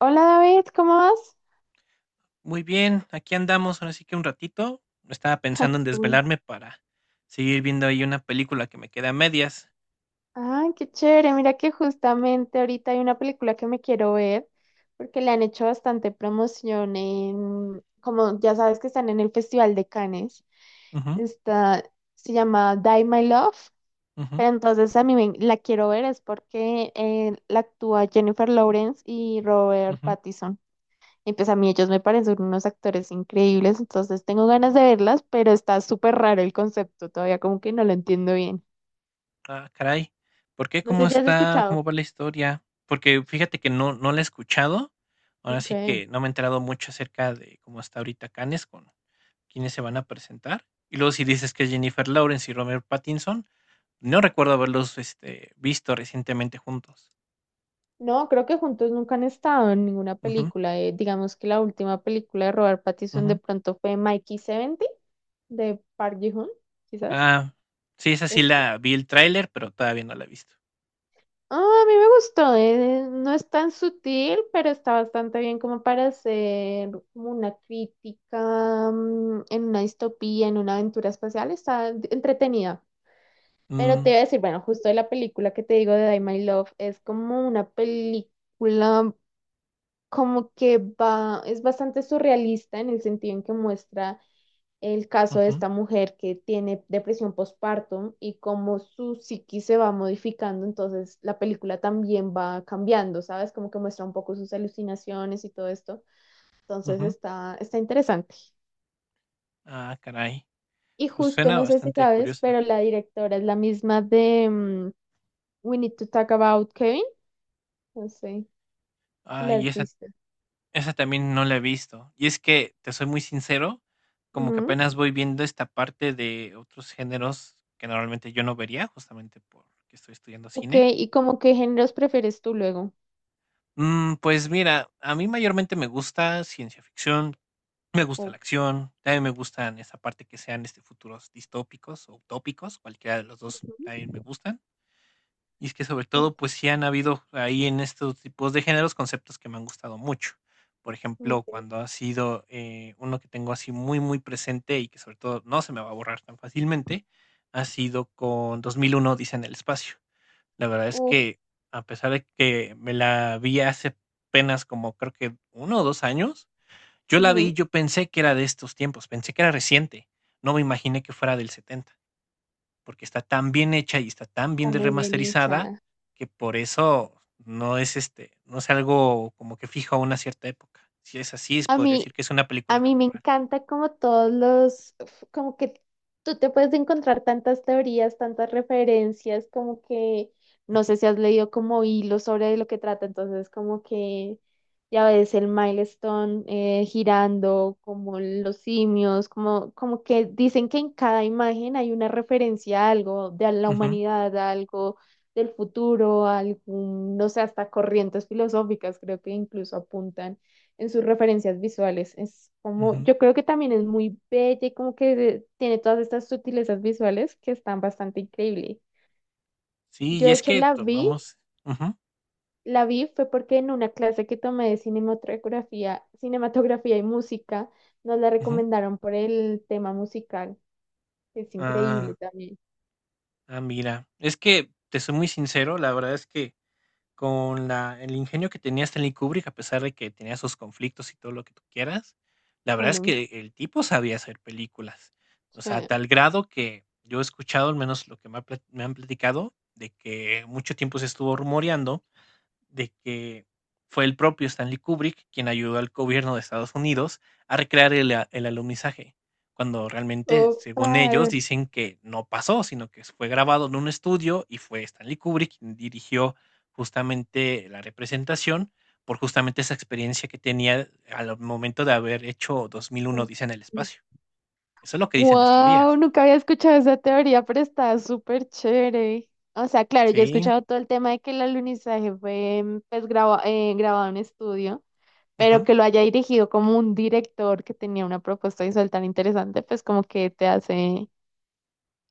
Hola David, ¿cómo vas? Muy bien, aquí andamos, ahora sí que un ratito. Estaba Ah, pensando en qué bueno. desvelarme para seguir viendo ahí una película que me queda a medias. Ah, qué chévere. Mira que justamente ahorita hay una película que me quiero ver porque le han hecho bastante promoción en, como ya sabes que están en el Festival de Cannes. Ujú, Está, se llama Die My Love, ujú, pero entonces la quiero ver es porque la actúa Jennifer Lawrence y Robert ujú. Pattinson. Y pues a mí ellos me parecen unos actores increíbles, entonces tengo ganas de verlas, pero está súper raro el concepto, todavía como que no lo entiendo bien. Ah, caray. ¿Por qué? No ¿Cómo sé si has está? escuchado. ¿Cómo va la historia? Porque fíjate que no la he escuchado. Ahora sí Okay. que no me he enterado mucho acerca de cómo está ahorita Cannes, con quiénes se van a presentar. Y luego si dices que es Jennifer Lawrence y Robert Pattinson, no recuerdo haberlos visto recientemente juntos. No, creo que juntos nunca han estado en ninguna Ujú, película. Digamos que la última película de Robert Pattinson de ujú. pronto fue Mikey 70 de Park Ji-hoon, quizás. Ah, sí, esa sí Es- la vi el tráiler, pero todavía no la he visto. Ah, a mí me gustó, no es tan sutil, pero está bastante bien como para hacer como una crítica, en una distopía, en una aventura espacial, entretenida. Pero te Mm, iba a decir, bueno, justo de la película que te digo de Die My Love, es como una película como que va, es bastante surrealista en el sentido en que muestra el caso de ujú, esta mujer que tiene depresión postpartum y cómo su psiquis se va modificando, entonces la película también va cambiando, ¿sabes? Como que muestra un poco sus alucinaciones y todo esto. Entonces ujú. Está interesante. Ah, caray. Y Pues justo, suena no sé si bastante sabes, curiosa. pero la directora es la misma de We Need to Talk About Kevin. No sé si Ah, la y has esa, visto. esa también no la he visto. Y es que, te soy muy sincero, como que Ujú. apenas voy viendo esta parte de otros géneros que normalmente yo no vería, justamente porque estoy estudiando Ok, cine. ¿y como qué géneros prefieres tú luego? Pues mira, a mí mayormente me gusta ciencia ficción. Me gusta la O- acción, también me gustan esa parte que sean, futuros distópicos o utópicos, cualquiera de los 2 también me gustan. Y es que, sobre Ujú. todo, pues, sí han habido ahí en estos tipos de géneros conceptos que me han gustado mucho. Por ejemplo, Ok. cuando ha sido, uno que tengo así muy presente y que, sobre todo, no se me va a borrar tan fácilmente, ha sido con 2001: dice en el espacio. La verdad es Uf, que, a pesar de que me la vi hace apenas como creo que uno o 2 años, ujú, yo pensé que era de estos tiempos, pensé que era reciente. No me imaginé que fuera del 70, porque está tan bien hecha y está tan está bien muy bien remasterizada hecha. que por eso no es algo como que fijo a una cierta época. Si es así, A podría mí, decir que es una A película mí me temporal. encanta como todos los, uf, como que tú te puedes encontrar tantas teorías, tantas referencias, como que no sé si has leído como hilos sobre lo que trata, entonces como que ya ves el milestone girando, como los simios, como que dicen que en cada imagen hay una referencia a algo, de a la Ujú, humanidad, a algo del futuro, a algún, no sé, hasta corrientes filosóficas, creo que incluso apuntan en sus referencias visuales. Es como, ujú. yo creo que también es muy bella y como que tiene todas estas sutilezas visuales que están bastante increíbles. Sí, Yo y de es hecho que tomamos. Ujú, la vi fue porque en una clase que tomé de cinematografía, cinematografía y música, nos la ujú. recomendaron por el tema musical. Es increíble Ah, también. ah, mira, es que te soy muy sincero, la verdad es que con la el ingenio que tenía Stanley Kubrick, a pesar de que tenía sus conflictos y todo lo que tú quieras, la verdad es Claro. que el tipo sabía hacer películas. O sea, a Sí. tal grado que yo he escuchado, al menos lo que me han platicado, de que mucho tiempo se estuvo rumoreando de que fue el propio Stanley Kubrick quien ayudó al gobierno de Estados Unidos a recrear el alunizaje, cuando realmente, Opa. según ellos, dicen que no pasó, sino que fue grabado en un estudio y fue Stanley Kubrick quien dirigió justamente la representación por justamente esa experiencia que tenía al momento de haber hecho 2001 Dice en el espacio. Eso es lo que dicen las Wow, teorías. nunca había escuchado esa teoría, pero está súper chévere. O sea, claro, yo he Sí. escuchado todo el tema de que el alunizaje fue pues, grabado en estudio, pero Ujú. que lo haya dirigido como un director que tenía una propuesta visual tan interesante, pues como que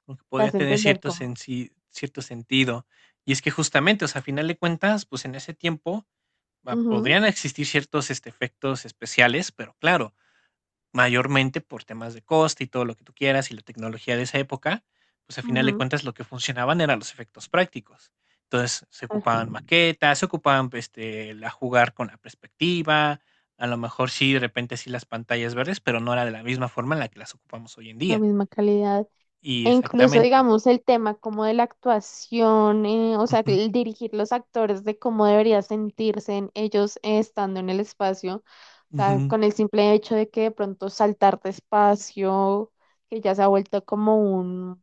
Como que te podía hace tener entender cómo. Cierto sentido. Y es que justamente, o sea, a final de cuentas, pues en ese tiempo Ujú, podrían existir ciertos efectos especiales, pero claro, mayormente por temas de coste y todo lo que tú quieras y la tecnología de esa época, pues a final de ujú, cuentas lo que funcionaban eran los efectos prácticos. Entonces se ocupaban claro, maquetas, se ocupaban la jugar con la perspectiva, a lo mejor sí, de repente sí las pantallas verdes, pero no era de la misma forma en la que las ocupamos hoy en la día. misma calidad. Y E incluso, exactamente. digamos, el tema como de la actuación, o sea, Ujú. el dirigir los actores de cómo debería sentirse en ellos estando en el espacio, o sea, Ujú. con el simple hecho de que de pronto saltar de espacio, que ya se ha vuelto como un,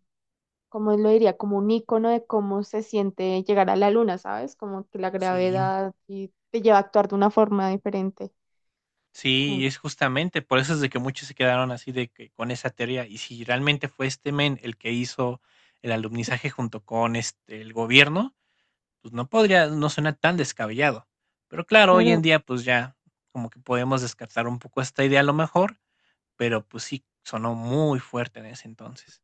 ¿como lo diría? Como un icono de cómo se siente llegar a la luna, ¿sabes? Como que la Sí, gravedad y te lleva a actuar de una forma diferente. sí, y Mm, es justamente por eso es de que muchos se quedaron así de que con esa teoría. Y si realmente fue este men el que hizo el alumnizaje junto con el gobierno, pues no suena tan descabellado. Pero claro, hoy en claro. día, pues ya como que podemos descartar un poco esta idea a lo mejor, pero pues sí sonó muy fuerte en ese entonces.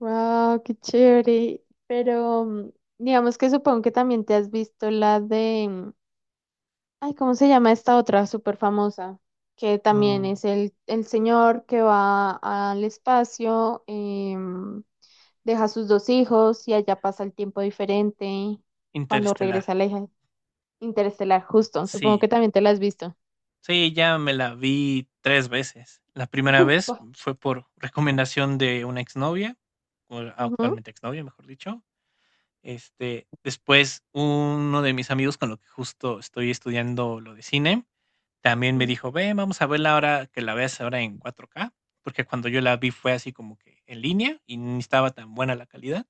Wow, qué chévere. Pero digamos que supongo que también te has visto la de, ay, ¿cómo se llama esta otra súper famosa? Que también Mm, es el señor que va al espacio, deja sus dos hijos y allá pasa el tiempo diferente cuando Interestelar. regresa la hija interestelar, justo. Supongo Sí, que también te la has visto. sí, ya me la vi tres veces. La primera vez Upa. fue por recomendación de una exnovia, con la Ujú. actualmente exnovia, mejor dicho. Después uno de mis amigos con lo que justo estoy estudiando lo de cine, también me dijo, ve, vamos a verla ahora, que la veas ahora en cuatro k porque cuando yo la vi fue así como que en línea y ni estaba tan buena la calidad.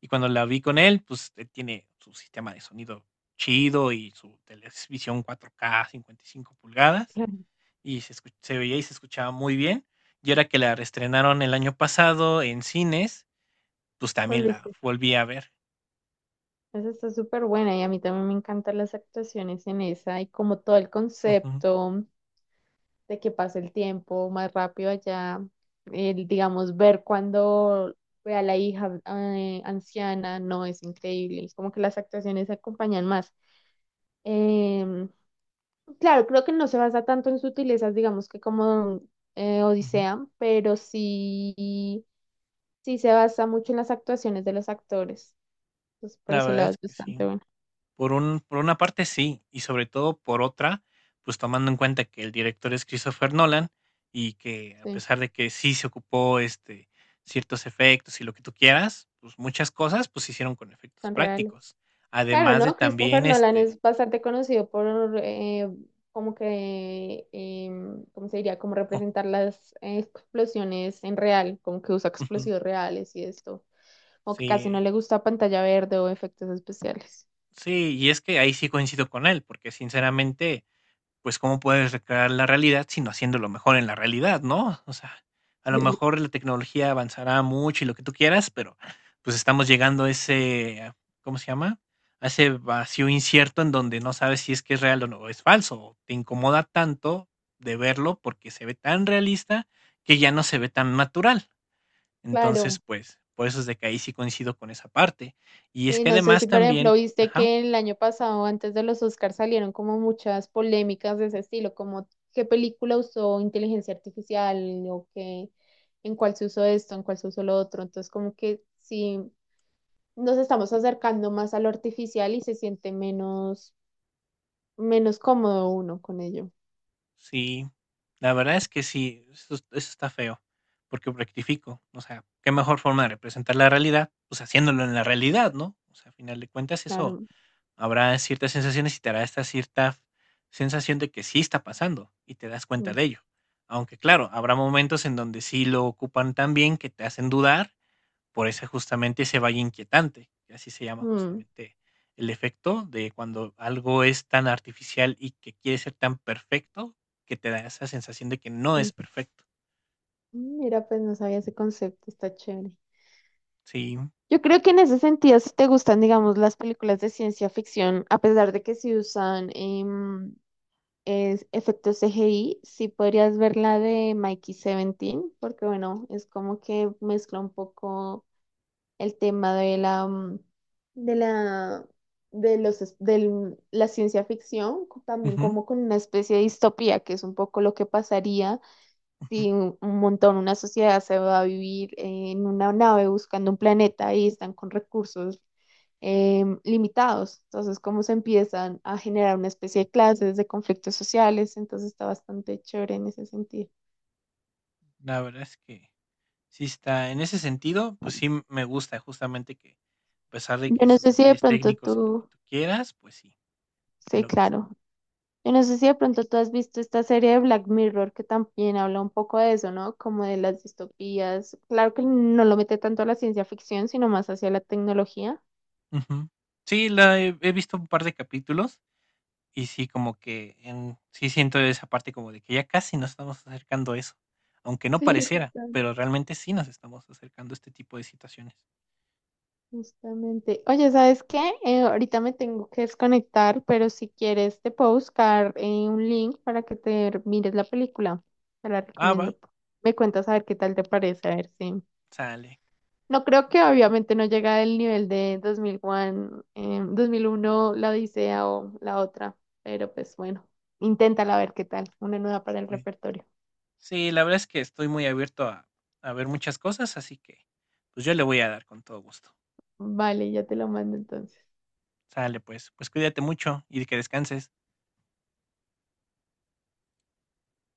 Y cuando la vi con él, pues él tiene su sistema de sonido chido y su televisión cuatro k 55 pulgadas, y se veía y se escuchaba muy bien. Y ahora que la reestrenaron el año pasado en cines, pues también la Claro. volví a ver. Esa está súper buena y a mí también me encantan las actuaciones en esa y como todo el Ujú, concepto de que pasa el tiempo más rápido allá, el, digamos, ver cuando ve a la hija anciana, no, es increíble, es como que las actuaciones se acompañan más. Em, claro, creo que no se basa tanto en sutilezas, digamos que como ujú. Odisea, pero sí, sí se basa mucho en las actuaciones de los actores, entonces por La ese verdad lado es es que sí. bastante bueno, Por un por una parte sí, y sobre todo por otra, pues tomando en cuenta que el director es Christopher Nolan, y que a sí, pesar de que sí se ocupó, ciertos efectos y lo que tú quieras, pues muchas cosas, pues se hicieron con efectos son reales. prácticos. Claro, Además de ¿no? Christopher también, Nolan este, es bastante conocido por eh, como que, ¿cómo se diría? Como ocu representar las explosiones en real, como que usa ujú, explosivos reales y esto, o que casi no sí, le gusta pantalla verde o efectos especiales. sí, y es que ahí sí coincido con él, porque sinceramente pues, ¿cómo puedes recrear la realidad sino haciéndolo mejor en la realidad, no? O sea, a lo Sí. mejor la tecnología avanzará mucho y lo que tú quieras, pero pues estamos llegando a ¿cómo se llama? A ese vacío incierto en donde no sabes si es que es real o no es falso. Te incomoda tanto de verlo porque se ve tan realista que ya no se ve tan natural. Entonces, Claro, pues, por eso es de que ahí sí coincido con esa parte. Y es sí, que no sé además si por ejemplo también, viste ajá. que el año pasado antes de los Oscars salieron como muchas polémicas de ese estilo, como qué película usó inteligencia artificial o qué, en cuál se usó esto, en cuál se usó lo otro, entonces como que sí nos estamos acercando más a lo artificial y se siente menos, menos cómodo uno con ello. Sí, la verdad es que sí, eso está feo, porque rectifico, o sea, qué mejor forma de representar la realidad, pues haciéndolo en la realidad, ¿no? O sea, a final de cuentas eso Claro. habrá ciertas sensaciones y te hará esta cierta sensación de que sí está pasando y te das cuenta Mm, de ello. Aunque claro, habrá momentos en donde sí lo ocupan tan bien que te hacen dudar por eso justamente ese valle inquietante, que así se llama mm, justamente el efecto de cuando algo es tan artificial y que quiere ser tan perfecto, que te da esa sensación de que no es mm. perfecto. Mira, pues no sabía ese concepto, está chévere. Sí. Yo creo que en ese sentido, si te gustan, digamos, las películas de ciencia ficción, a pesar de que sí usan efectos CGI, sí podrías ver la de Mikey 17, porque bueno, es como que mezcla un poco el tema de la, mm, de la, de los, es- del- la ciencia ficción, co- también Ujú, como con una especie de distopía, que es un poco lo que pasaría ujú. si un montón, una sociedad se va a vivir en una nave buscando un planeta y están con recursos limitados. Entonces, cómo se empiezan a generar una especie de clases, de conflictos sociales, entonces está bastante chévere en ese sentido. La verdad es que sí está en ese sentido, pues sí me gusta justamente que, a pesar de Yo que no sus sé si de detalles pronto técnicos y lo que tú, tú quieras, pues sí, en sí, lo que es. claro. Yo no sé si de pronto tú has visto esta serie de Black Mirror que también habla un poco de eso, ¿no? Como de las distopías. Claro que no lo mete tanto a la ciencia ficción, sino más hacia la tecnología. Ujú. Sí, la he visto un par de capítulos. Y sí, como que en sí siento esa parte como de que ya casi nos estamos acercando a eso, aunque no Sí, pareciera, justamente. pero realmente sí nos estamos acercando a este tipo de situaciones. Justamente. Oye, ¿sabes qué? Ahorita me tengo que desconectar, pero si quieres te puedo buscar un link para que te mires la película. Te la Ah, va, recomiendo. Me cuentas a ver qué tal te parece, a ver si sale. no creo que obviamente no llega al nivel de 2001, La Odisea o la otra, pero pues bueno, inténtala a ver qué tal, una nueva para el Pues, repertorio. sí, la verdad es que estoy muy abierto a ver muchas cosas, así que pues yo le voy a dar con todo gusto. Vale, ya te lo mando entonces. Sale, pues, pues cuídate mucho y que descanses.